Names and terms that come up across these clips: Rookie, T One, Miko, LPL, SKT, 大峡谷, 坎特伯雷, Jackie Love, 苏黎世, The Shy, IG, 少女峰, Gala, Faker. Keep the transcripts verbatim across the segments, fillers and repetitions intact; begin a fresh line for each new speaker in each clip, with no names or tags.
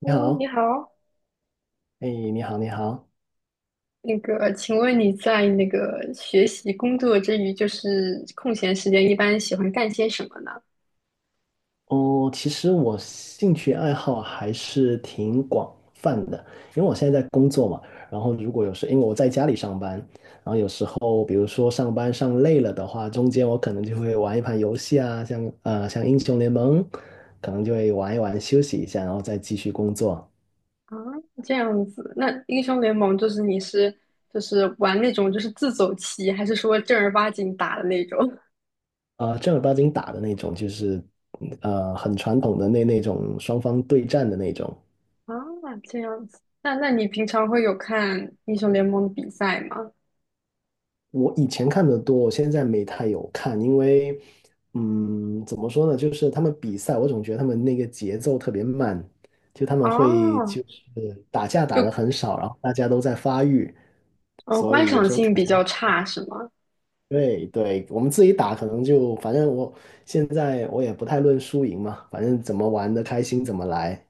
你
Hello，你
好，
好。
哎，你好，你好。
那个，请问你在那个学习工作之余，就是空闲时间，一般喜欢干些什么呢？
哦，其实我兴趣爱好还是挺广泛的，因为我现在在工作嘛。然后如果有时，因为我在家里上班，然后有时候，比如说上班上累了的话，中间我可能就会玩一盘游戏啊，像呃像英雄联盟，可能就会玩一玩休息一下，然后再继续工作。
啊，这样子。那英雄联盟就是你是就是玩那种就是自走棋，还是说正儿八经打的那种？
呃，正儿八经打的那种，就是呃很传统的那那种双方对战的那种。
啊，这样子。那那你平常会有看英雄联盟的比赛吗？
我以前看的多，我现在没太有看，因为，嗯，怎么说呢，就是他们比赛，我总觉得他们那个节奏特别慢，就他们会
哦，
就是打架打的
就
很少，然后大家都在发育，
哦，
所
观
以有
赏
时候看
性比
起
较
来，
差是吗？
对对，我们自己打可能就，反正我现在我也不太论输赢嘛，反正怎么玩的开心怎么来。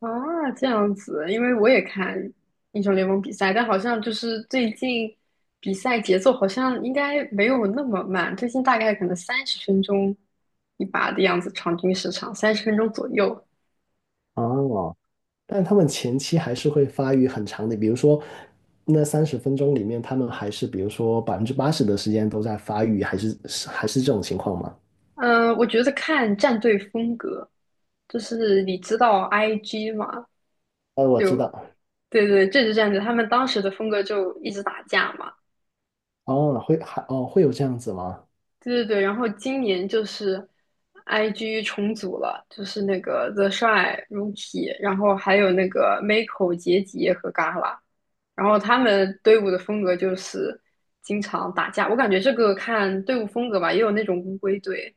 啊，这样子，因为我也看英雄联盟比赛，但好像就是最近比赛节奏好像应该没有那么慢，最近大概可能三十分钟一把的样子，场均时长三十分钟左右。
哦，但他们前期还是会发育很长的，比如说那三十分钟里面，他们还是比如说百分之八十的时间都在发育，还是是还是这种情况吗？
嗯，我觉得看战队风格，就是你知道 I G 嘛，
呃，我知道，
就对对，这支战队他们当时的风格就一直打架嘛，
哦，会还哦会有这样子吗？
对对对，然后今年就是 I G 重组了，就是那个 The Shy、Rookie，然后还有那个 Miko、杰杰和 Gala，然后他们队伍的风格就是经常打架。我感觉这个看队伍风格吧，也有那种乌龟队。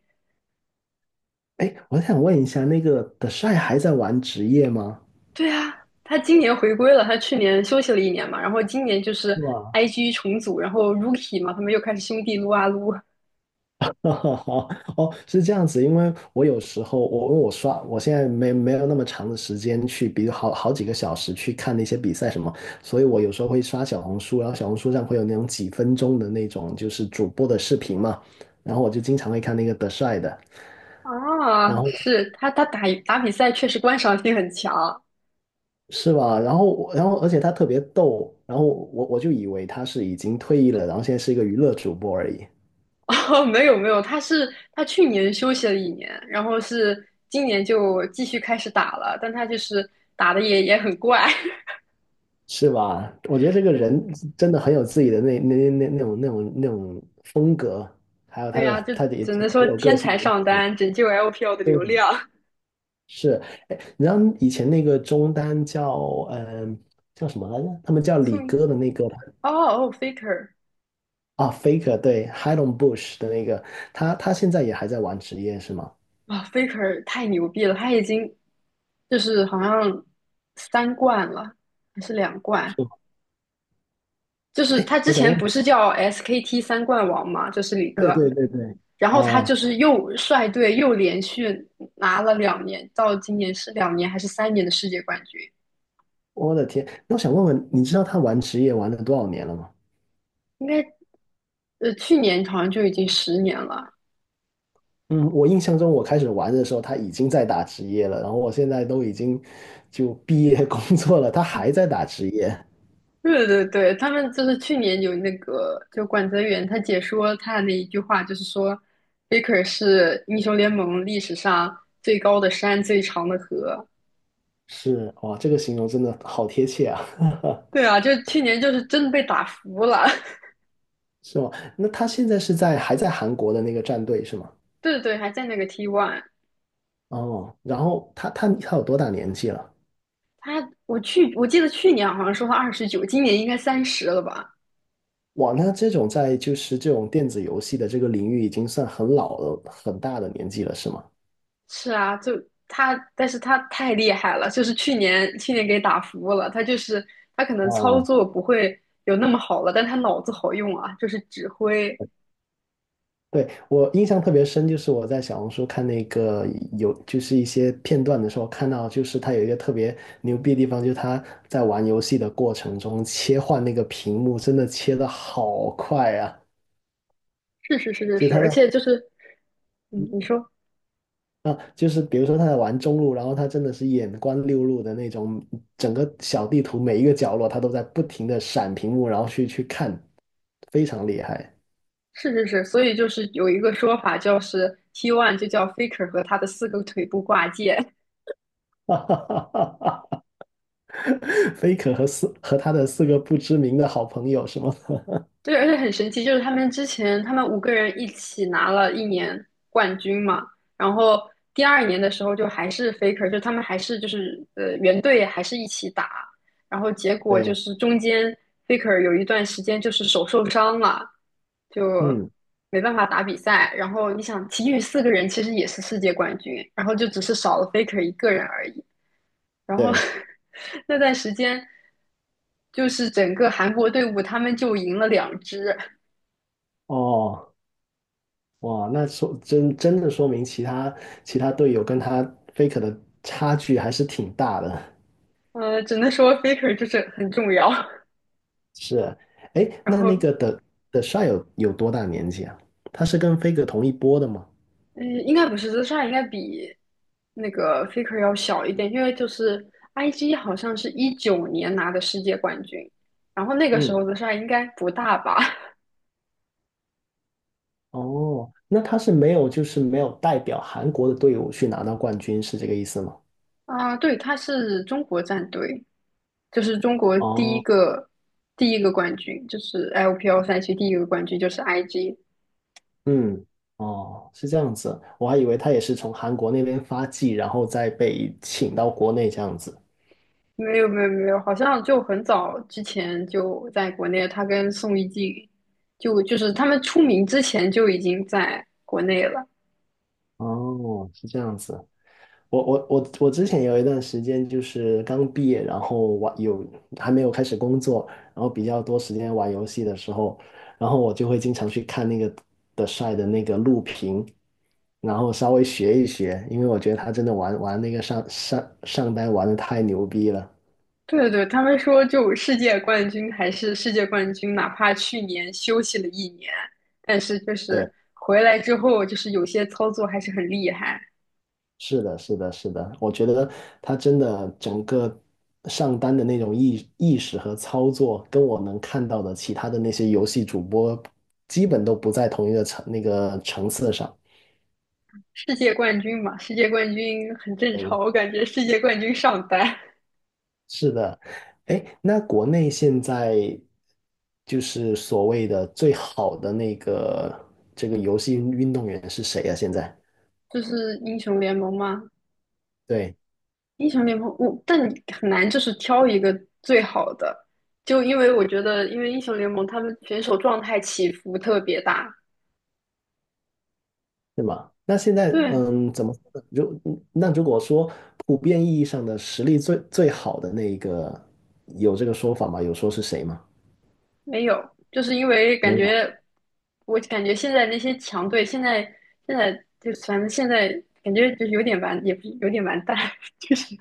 哎，我想问一下，那个 The Shy 还在玩职业吗？
对啊，他今年回归了，他去年休息了一年嘛，然后今年就是
是吧？
I G 重组，然后 Rookie 嘛，他们又开始兄弟撸啊撸
哈好哦，是这样子，因为我有时候我因为我刷，我现在没没有那么长的时间去，比如好好几个小时去看那些比赛什么，所以我有时候会刷小红书，然后小红书上会有那种几分钟的那种就是主播的视频嘛，然后我就经常会看那个德帅的，然
啊，
后
是他他打打比赛确实观赏性很强。
是吧？然后我然后而且他特别逗，然后我我就以为他是已经退役了，然后现在是一个娱乐主播而已。
哦，没有没有，他是他去年休息了一年，然后是今年就继续开始打了，但他就是打的也也很怪。
是吧？我 觉得这个
嗯
人真的很有自己的那那那那种那种那种风格，还有
对
他
呀、啊
的
就
他的也
只
挺
能说
挺有个
天
性
才
的那
上
种。
单拯救 L P L 的
对，
流量
是。哎，你知道以前那个中单叫嗯、叫什么来着？他们叫 李
宋
哥的那个
哦哦，Faker。
啊，Faker 对 h i d o n Bush 的那个，他他现在也还在玩职业是吗？
啊，Faker 太牛逼了，他已经就是好像三冠了，还是两冠，
是吗
就是他
我
之
想问
前不
问，
是叫 S K T 三冠王嘛，就是李
对
哥，
对对对，
然后他
啊，
就是又率队又连续拿了两年，到今年是两年还是三年的世界冠军？
我的天，那我想问问，你知道他玩职业玩了多少年了吗？
应该呃去年好像就已经十年了。
嗯，我印象中我开始玩的时候，他已经在打职业了，然后我现在都已经就毕业 工作了，他还在打职业，
对对对，他们就是去年有那个，就管泽元他解说他的那一句话，就是说，Faker 是英雄联盟历史上最高的山、最长的河。
是，哇，这个形容真的好贴切啊，
对啊，就去年就是真的被打服了。
是吗？那他现在是在还在韩国的那个战队是吗？
对对对，还在那个 t One。
哦，然后他他他有多大年纪了？
他，我去，我记得去年好像说他二十九，今年应该三十了吧？
哇，那这种在就是这种电子游戏的这个领域已经算很老了，很大的年纪了，是吗？
是啊，就他，但是他太厉害了，就是去年去年给打服了。他就是他可能操
哇，
作不会有那么好了，但他脑子好用啊，就是指挥。
对，我印象特别深，就是我在小红书看那个有，就是一些片段的时候，看到就是他有一个特别牛逼的地方，就是他在玩游戏的过程中切换那个屏幕，真的切的好快啊！
是是是是
就
是，
他
而
在
且就是，嗯，你说
啊，就是比如说他在玩中路，然后他真的是眼观六路的那种，整个小地图每一个角落他都在不停的闪屏幕，然后去去看，非常厉害。
是是是，所以就是有一个说法，就是 T one 就叫 Faker 和他的四个腿部挂件。
哈哈哈哈哈！菲可和四和他的四个不知名的好朋友是吗？
对，而且很神奇，就是他们之前他们五个人一起拿了一年冠军嘛，然后第二年的时候就还是 Faker，就他们还是就是呃原队还是一起打，然后结 果就
对，
是中间 Faker 有一段时间就是手受伤了，就
嗯，
没办法打比赛。然后你想，其余四个人其实也是世界冠军，然后就只是少了 Faker 一个人而已。然后
对，
那段时间。就是整个韩国队伍，他们就赢了两支，
哦，哇，那说真真的说明其他其他队友跟他 Faker 的差距还是挺大的。
呃，只能说 faker 就是很重要。
是，哎，
然
那那
后，
个的的帅有有多大年纪啊？他是跟 Faker 同一波的吗？
嗯，应该不是 shy 应该比那个 faker 要小一点，因为就是 I G 好像是一九年拿的世界冠军，然后那个时候
嗯，
shy 应该不大吧？
哦，那他是没有就是没有代表韩国的队伍去拿到冠军，是这个意思吗？
啊，对，他是中国战队，就是中国第一
哦，
个第一个冠军，就是 L P L 赛区第一个冠军就是 I G。
嗯，哦，是这样子，我还以为他也是从韩国那边发迹，然后再被请到国内这样子。
没有没有没有，好像就很早之前就在国内，他跟宋一静，就就是他们出名之前就已经在国内了。
哦，是这样子。我我我我之前有一段时间就是刚毕业，然后玩有还没有开始工作，然后比较多时间玩游戏的时候，然后我就会经常去看那个的帅的那个录屏，然后稍微学一学，因为我觉得他真的玩玩那个上上上单玩的太牛逼了。
对对对，他们说就世界冠军还是世界冠军，哪怕去年休息了一年，但是就
对。
是回来之后，就是有些操作还是很厉害。
是的，是的，是的，我觉得他真的整个上单的那种意意识和操作，跟我能看到的其他的那些游戏主播，基本都不在同一个层那个层次上。
世界冠军嘛，世界冠军很正常，
嗯，
我感觉世界冠军上单
是的，哎，那国内现在就是所谓的最好的那个这个游戏运动员是谁啊？现在？
就是英雄联盟吗？
对。
英雄联盟，我但你很难就是挑一个最好的，就因为我觉得，因为英雄联盟他们选手状态起伏特别大。
对吗？那现在，
对，
嗯，怎么说呢？如嗯那如果说普遍意义上的实力最最好的那一个，有这个说法吗？有说是谁吗？
没有，就是因为感
没有。
觉，我感觉现在那些强队，现在现在就反正现在感觉就有点完，也不是有点完蛋，就是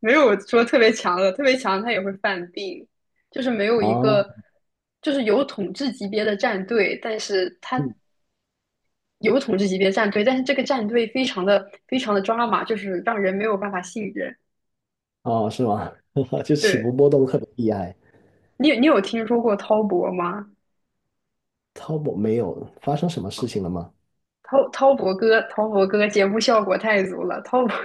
没有说特别强的，特别强他也会犯病，就是没有一
啊
个就是有统治级别的战队，但是他有统治级别战队，但是这个战队非常的非常的抓马，就是让人没有办法信任。
哦，是吗？就起伏
对
波动特别厉害。
你你有听说过滔博吗？
t a 没有发生什么事情了吗？
滔滔博哥，滔博哥节目效果太足了，滔博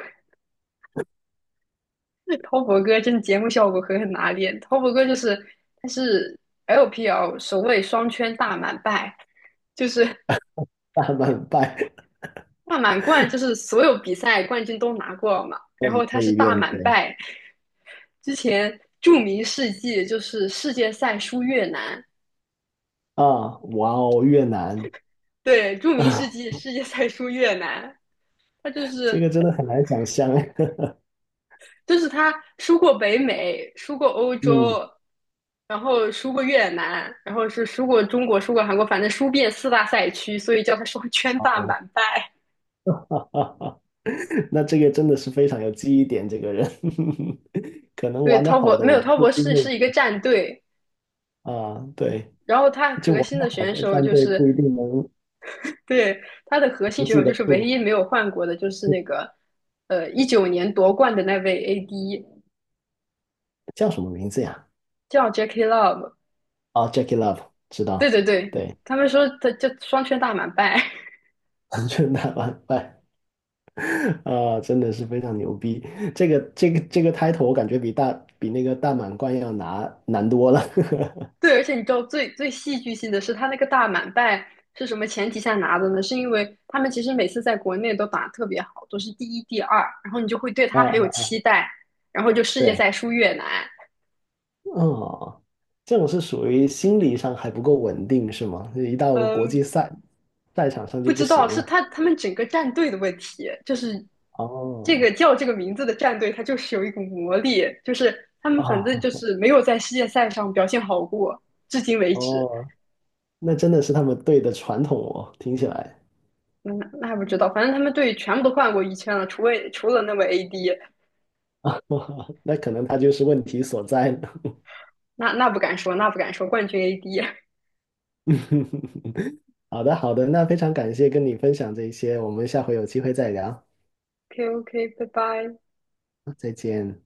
滔博哥真的节目效果狠狠拿捏。滔博哥就是他是 L P L 首位双圈大满贯，就是
大慢拜，
大满贯，就是所有比赛冠军都拿过嘛，然
我一
后他
遍
是
一
大
遍
满
对
贯。之前著名事迹就是世界赛输越南，
啊，哇哦，越南
对，著名世
啊，
纪世界赛输越南，他就
这
是
个真的很难想象。
就是他输过北美，输过欧
嗯，
洲，然后输过越南，然后是输过中国，输过韩国，反正输遍四大赛区，所以叫他双圈大
哦，
满贯。
那这个真的是非常有记忆点，这个人 可能
对，
玩得
滔
好
博
的，
没
我
有
们
滔
不一
博
定
是
会
是一个战队，
啊，对，
然后他
就
核
我
心
们
的
好
选
的
手
战
就
队
是
不一定能
对他的核心
能
选
记
手就
得
是唯
住，
一没有换过的，就是那
嗯
个呃一九年夺冠的那位 A D
叫什么名字呀？
叫 Jackie Love。
啊，Jackie Love，知
对
道，
对对，
对，
他们说他就双圈大满贯，
就那完败啊，真的是非常牛逼。这个这个这个 title 我感觉比大比那个大满贯要拿难多了
对，而且你知道最最戏剧性的是，他那个大满贯是什么前提下拿的呢？是因为他们其实每次在国内都打得特别好，都是第一、第二，然后你就会对 他很有
啊，
期待，然后就世界
对，
赛输越南，
哦，这种是属于心理上还不够稳定是吗？一到国
嗯，
际赛赛场上就
不
不
知道
行
是
了。
他他们整个战队的问题，就是这
哦，
个叫这个名字的战队，它就是有一股魔力，就是他 们反正就
啊，
是没有在世界赛上表现好过，至今为止。
哦，那真的是他们队的传统哦，听起来。
那那不知道，反正他们队全部都换过一圈了，除了除了那位 A D，
那可能他就是问题所在呢。
那那不敢说，那不敢说，冠军 A D。
好的，好的，那非常感谢跟你分享这些，我们下回有机会再聊，
k OK，拜拜。
再见。